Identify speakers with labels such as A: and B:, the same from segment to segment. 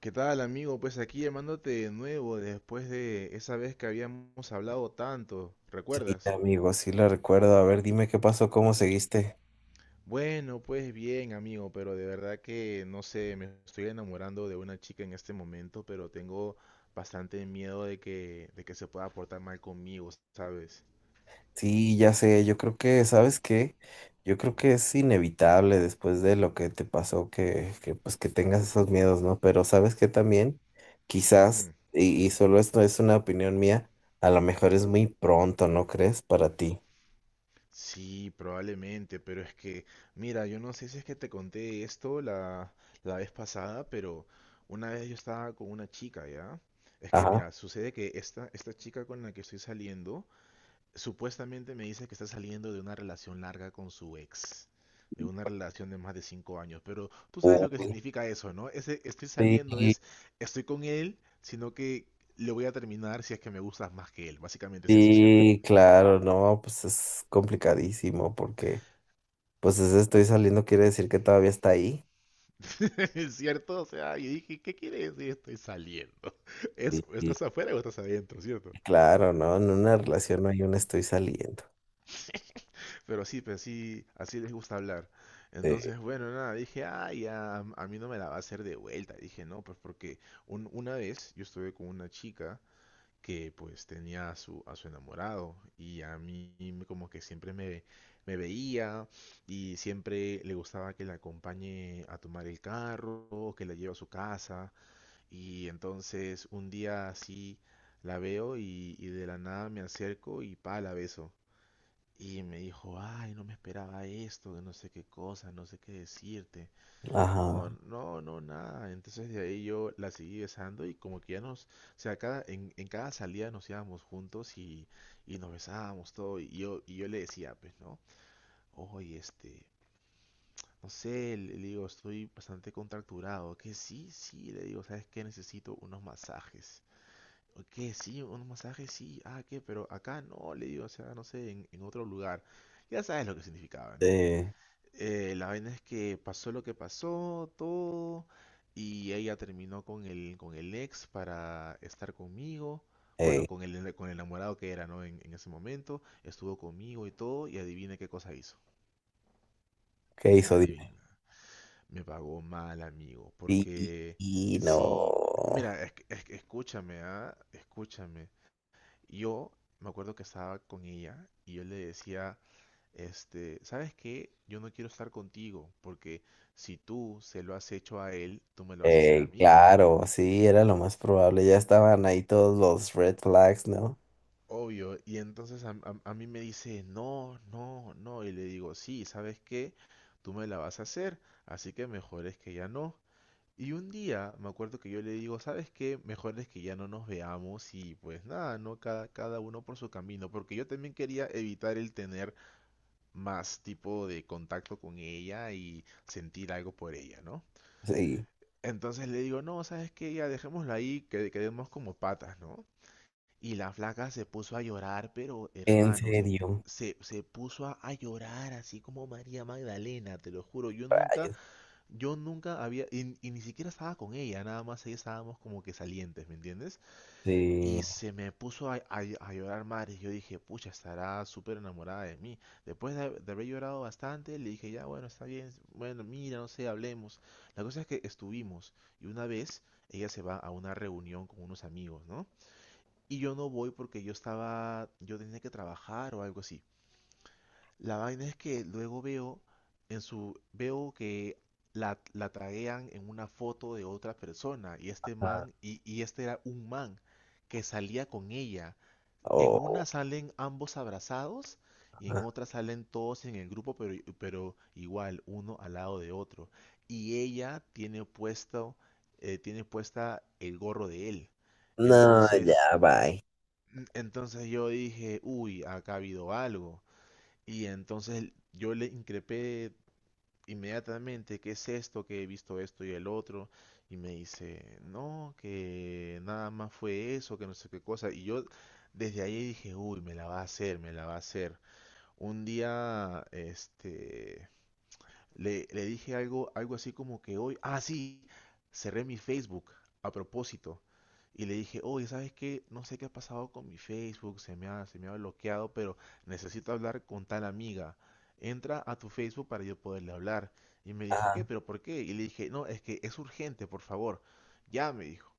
A: ¿Qué tal, amigo? Pues aquí llamándote de nuevo después de esa vez que habíamos hablado tanto,
B: Sí,
A: ¿recuerdas?
B: amigo, sí la recuerdo. A ver, dime qué pasó, cómo seguiste.
A: Bueno, pues bien, amigo, pero de verdad que no sé, me estoy enamorando de una chica en este momento, pero tengo bastante miedo de que se pueda portar mal conmigo, ¿sabes?
B: Sí, ya sé, yo creo que, ¿sabes qué? Yo creo que es inevitable después de lo que te pasó que pues que tengas esos miedos, ¿no? Pero ¿sabes qué también? Quizás, y solo esto es una opinión mía, a lo mejor es muy pronto, ¿no crees? Para ti.
A: Sí, probablemente, pero es que, mira, yo no sé si es que te conté esto la vez pasada, pero una vez yo estaba con una chica, ¿ya? Es que,
B: Ajá.
A: mira, sucede que esta chica con la que estoy saliendo, supuestamente me dice que está saliendo de una relación larga con su ex, de una relación de más de 5 años, pero tú sabes lo que
B: Uy,
A: significa eso, ¿no? Ese estoy
B: sí,
A: saliendo es, estoy con él, sino que le voy a terminar si es que me gustas más que él, básicamente es eso.
B: sí, claro, no, pues es complicadamente complicadísimo porque, pues ese estoy saliendo quiere decir que todavía está ahí.
A: ¿Es cierto? O sea, yo dije, ¿qué quiere decir estoy saliendo?
B: Sí,
A: Es,
B: sí,
A: ¿estás afuera o estás adentro, cierto?
B: claro, ¿no? En una relación no hay un estoy saliendo.
A: Pero sí, así les gusta hablar.
B: Eh,
A: Entonces, bueno, nada, dije, ay, ya, a mí no me la va a hacer de vuelta. Dije, no, pues porque una vez yo estuve con una chica que pues tenía a su enamorado y a mí como que siempre me veía y siempre le gustaba que la acompañe a tomar el carro, que la lleve a su casa. Y entonces un día así la veo y de la nada me acerco y pa, la beso. Y me dijo, ay, no me esperaba esto, que no sé qué cosa, no sé qué decirte. No,
B: ajá.
A: no, no, nada. Entonces de ahí yo la seguí besando y como que ya nos, o sea, cada, en cada salida nos íbamos juntos y nos besábamos todo. Y yo le decía, pues, ¿no? Oye, no sé, le digo, estoy bastante contracturado. Que sí, sí, le digo, ¿sabes qué? Necesito unos masajes. ¿Qué? Sí, un masaje, sí. Ah, ¿qué? Pero acá no, le digo, o sea, no sé, en otro lugar. Ya sabes lo que significaba, ¿no?
B: Eh,
A: La vaina es que pasó lo que pasó, todo, y ella terminó con el, ex para estar conmigo.
B: eh,
A: Bueno, con el, enamorado que era, ¿no? En ese momento, estuvo conmigo y todo, y adivina qué cosa hizo.
B: ¿qué hizo? Dime.
A: Adivina. Me pagó mal, amigo,
B: Y, y-
A: porque
B: y
A: sí,
B: no.
A: mira, es- que escúchame, ¿ah? Escúchame. Yo me acuerdo que estaba con ella y yo le decía, ¿sabes qué? Yo no quiero estar contigo porque si tú se lo has hecho a él, tú me lo vas a hacer a
B: Eh,
A: mí.
B: claro, sí, era lo más probable. Ya estaban ahí todos los red flags, ¿no?
A: Obvio. Y entonces a mí me dice, no, no, no. Y le digo, sí, ¿sabes qué? Tú me la vas a hacer, así que mejor es que ya no. Y un día me acuerdo que yo le digo, ¿sabes qué? Mejor es que ya no nos veamos y pues nada, ¿no? Cada uno por su camino, porque yo también quería evitar el tener más tipo de contacto con ella y sentir algo por ella, ¿no?
B: Sí.
A: Entonces le digo, no, ¿sabes qué? Ya dejémoslo ahí, que quedemos como patas, ¿no? Y la flaca se puso a llorar, pero
B: En
A: hermano, se, pu-
B: serio.
A: se, se puso a llorar así como María Magdalena, te lo juro. Yo nunca,
B: Rayos.
A: yo nunca había, y ni siquiera estaba con ella, nada más ahí estábamos como que salientes, ¿me entiendes? Y
B: Sí.
A: se me puso a llorar madre. Yo dije, pucha, estará súper enamorada de mí. Después de haber llorado bastante, le dije, ya, bueno, está bien. Bueno, mira, no sé, hablemos. La cosa es que estuvimos. Y una vez, ella se va a una reunión con unos amigos, ¿no? Y yo no voy porque yo estaba, yo tenía que trabajar o algo así. La vaina es que luego veo en su, veo que la taguean en una foto de otra persona. Y este
B: Ah,
A: man, y este era un man que salía con ella. En una
B: oh,
A: salen ambos abrazados y en
B: ah.
A: otra salen todos en el grupo, pero, igual, uno al lado de otro. Y ella tiene puesto, tiene puesta el gorro de él.
B: No,
A: Entonces,
B: ya, bye.
A: entonces yo dije, uy, acá ha habido algo. Y entonces yo le increpé inmediatamente, ¿qué es esto? Que he visto esto y el otro. Y me dice, no, que nada más fue eso, que no sé qué cosa. Y yo desde ahí dije, uy, me la va a hacer, me la va a hacer. Un día, le dije algo, algo así como que hoy, ah, sí, cerré mi Facebook a propósito. Y le dije, oye, ¿sabes qué? No sé qué ha pasado con mi Facebook, se me ha bloqueado, pero necesito hablar con tal amiga. Entra a tu Facebook para yo poderle hablar. Y me dijo, ¿qué?
B: Ajá.
A: ¿Pero por qué? Y le dije, no, es que es urgente, por favor. Ya, me dijo.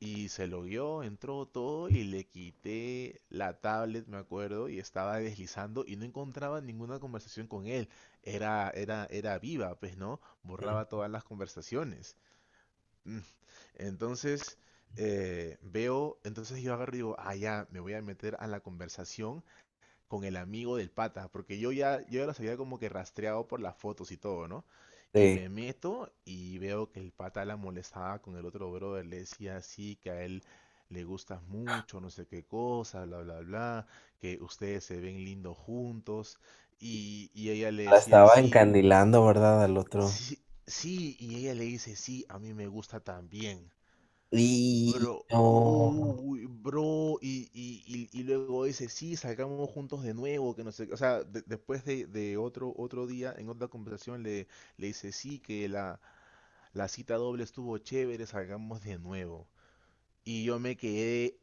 A: Y se lo dio, entró todo y le quité la tablet, me acuerdo, y estaba deslizando y no encontraba ninguna conversación con él. Era viva, pues, ¿no?
B: Mm,
A: Borraba todas las conversaciones. Mm. Entonces, entonces yo agarro y digo, ah, ya, me voy a meter a la conversación con el amigo del pata, porque yo ya los había como que rastreado por las fotos y todo, ¿no? Y
B: sí.
A: me meto y veo que el pata la molestaba con el otro brother, le decía así que a él le gustas mucho, no sé qué cosa, bla, bla, bla, que ustedes se ven lindos juntos. Y ella le
B: La
A: decía
B: estaba
A: sí,
B: encandilando, ¿verdad? Al otro.
A: sí, sí, y ella le dice sí, a mí me gusta también.
B: Y
A: Bro,
B: no.
A: uy, bro, y luego dice, sí, salgamos juntos de nuevo, que no sé, qué. O sea, después de otro día, en otra conversación, le dice, sí, que la cita doble estuvo chévere, salgamos de nuevo. Y yo me quedé,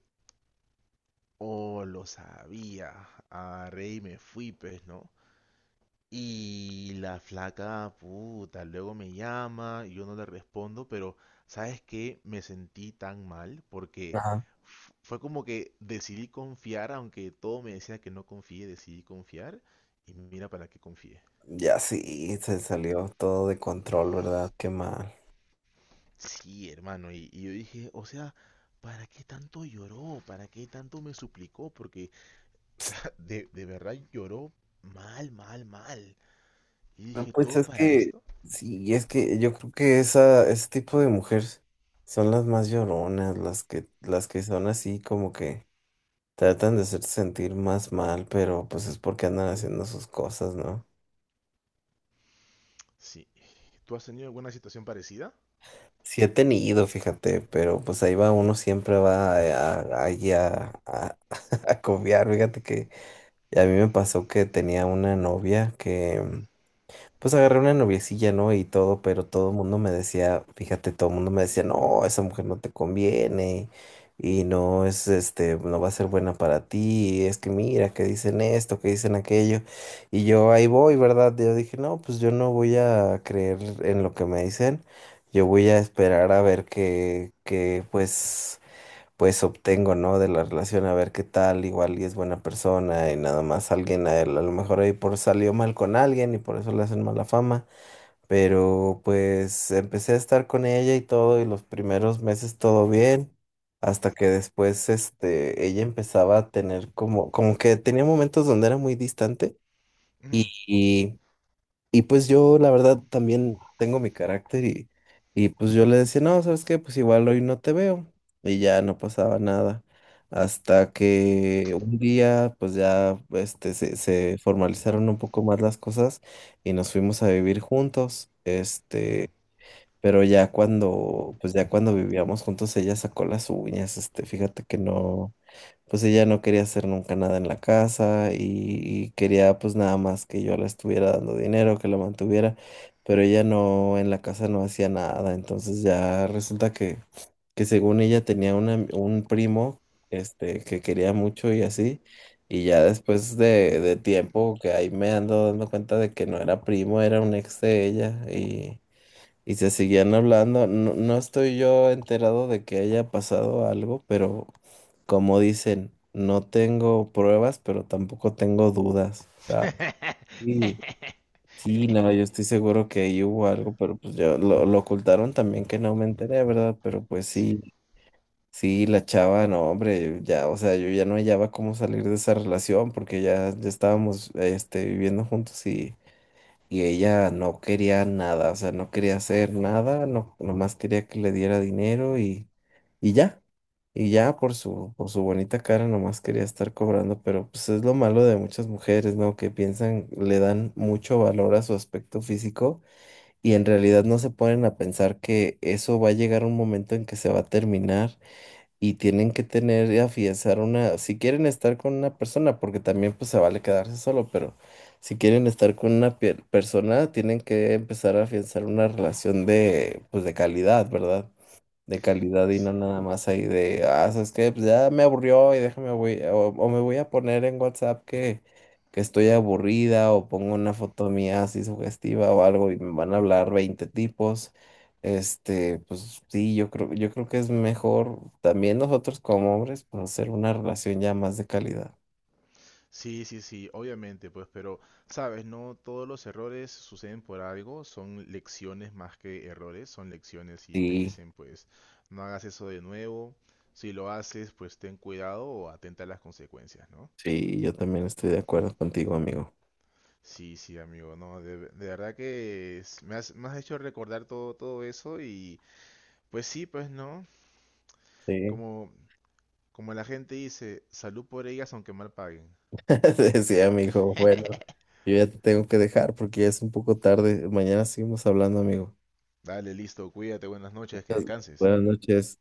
A: oh, lo sabía, agarré y me fui, pues, ¿no? Y la flaca, puta, luego me llama y yo no le respondo, pero ¿sabes qué? Me sentí tan mal porque fue como que decidí confiar, aunque todo me decía que no confíe, decidí confiar y mira para qué confié.
B: Ya sí, se salió todo de control, ¿verdad? Qué mal.
A: Sí, hermano, y yo dije, o sea, ¿para qué tanto lloró? ¿Para qué tanto me suplicó? Porque, o sea, de verdad lloró mal, mal, mal. Y
B: No,
A: dije,
B: pues
A: ¿todo
B: es
A: para
B: que,
A: esto?
B: sí, es que yo creo que esa, ese tipo de mujeres son las más lloronas, las que son así como que tratan de hacerte sentir más mal, pero pues es porque andan haciendo sus cosas, ¿no?
A: Sí. ¿Tú has tenido alguna situación parecida?
B: Sí he tenido, fíjate, pero pues ahí va uno siempre va ahí a confiar. Fíjate que a mí me pasó que tenía una novia que. Pues agarré una noviecilla, ¿no? Y todo, pero todo el mundo me decía, fíjate, todo el mundo me decía, no, esa mujer no te conviene y no es, este, no va a ser buena para ti, es que mira, que dicen esto, que dicen aquello. Y yo ahí voy, ¿verdad? Yo dije, no, pues yo no voy a creer en lo que me dicen, yo voy a esperar a ver pues obtengo, ¿no? De la relación, a ver qué tal, igual y es buena persona y nada más alguien, a, él, a lo mejor ahí por salió mal con alguien y por eso le hacen mala fama, pero pues empecé a estar con ella y todo y los primeros meses todo bien, hasta que después, este, ella empezaba a tener como que tenía momentos donde era muy distante y pues yo, la verdad, también tengo mi carácter y pues yo le decía, no, ¿sabes qué? Pues igual hoy no te veo. Y ya no pasaba nada. Hasta que un día, pues ya, este, se formalizaron un poco más las cosas y nos fuimos a vivir juntos. Este,
A: Ujú.
B: pero ya cuando, pues ya cuando vivíamos juntos, ella sacó las uñas, este, fíjate que no, pues ella no quería hacer nunca nada en la casa y quería pues nada más que yo le estuviera dando dinero, que la mantuviera, pero ella no, en la casa no hacía nada, entonces ya resulta que según ella tenía una un primo, este, que quería mucho y así, y ya después de tiempo que ahí me ando dando cuenta de que no era primo, era un ex de ella y se seguían hablando. No, no estoy yo enterado de que haya pasado algo, pero como dicen, no tengo pruebas, pero tampoco tengo dudas. O sea, sí, sí, no, yo estoy seguro que ahí hubo algo, pero pues yo lo ocultaron también que no me enteré, ¿verdad? Pero pues
A: Sí,
B: sí, sí, la chava, no, hombre, ya, o sea, yo ya no hallaba cómo salir de esa relación porque ya, ya estábamos, este, viviendo juntos y ella no quería nada, o sea, no quería hacer nada, no, nomás quería que le diera dinero y ya, y ya por su bonita cara nomás quería estar cobrando, pero pues es lo malo de muchas mujeres, ¿no? Que piensan, le dan mucho valor a su aspecto físico y en realidad no se ponen a pensar que eso va a llegar un momento en que se va a terminar y tienen que tener y afianzar una, si quieren estar con una persona, porque también pues se vale quedarse solo, pero si quieren estar con una persona, tienen que empezar a afianzar una relación de, pues de calidad, ¿verdad? De calidad y no
A: sí.
B: nada más ahí de, ah, ¿sabes qué? Pues ya me aburrió y déjame, voy, o me voy a poner en WhatsApp que estoy aburrida o pongo una foto mía así sugestiva o algo y me van a hablar 20 tipos. Este, pues sí, yo creo que es mejor también nosotros como hombres, pues, hacer una relación ya más de calidad.
A: Sí, sí, sí, obviamente, pues, pero, sabes, no todos los errores suceden por algo, son lecciones más que errores, son lecciones y te
B: Sí,
A: dicen, pues, no hagas eso de nuevo, si lo haces, pues ten cuidado o atenta a las consecuencias, ¿no?
B: sí, yo también estoy de acuerdo contigo, amigo.
A: Sí, sí, amigo, no, de verdad que me has hecho recordar todo, todo eso y, pues sí, pues, ¿no?
B: Sí.
A: Como, como la gente dice, salud por ellas aunque mal paguen.
B: Decía mi hijo. Bueno, yo ya te tengo que dejar porque ya es un poco tarde. Mañana seguimos hablando, amigo.
A: Dale, listo, cuídate, buenas noches, que
B: Entonces,
A: descanses.
B: buenas noches.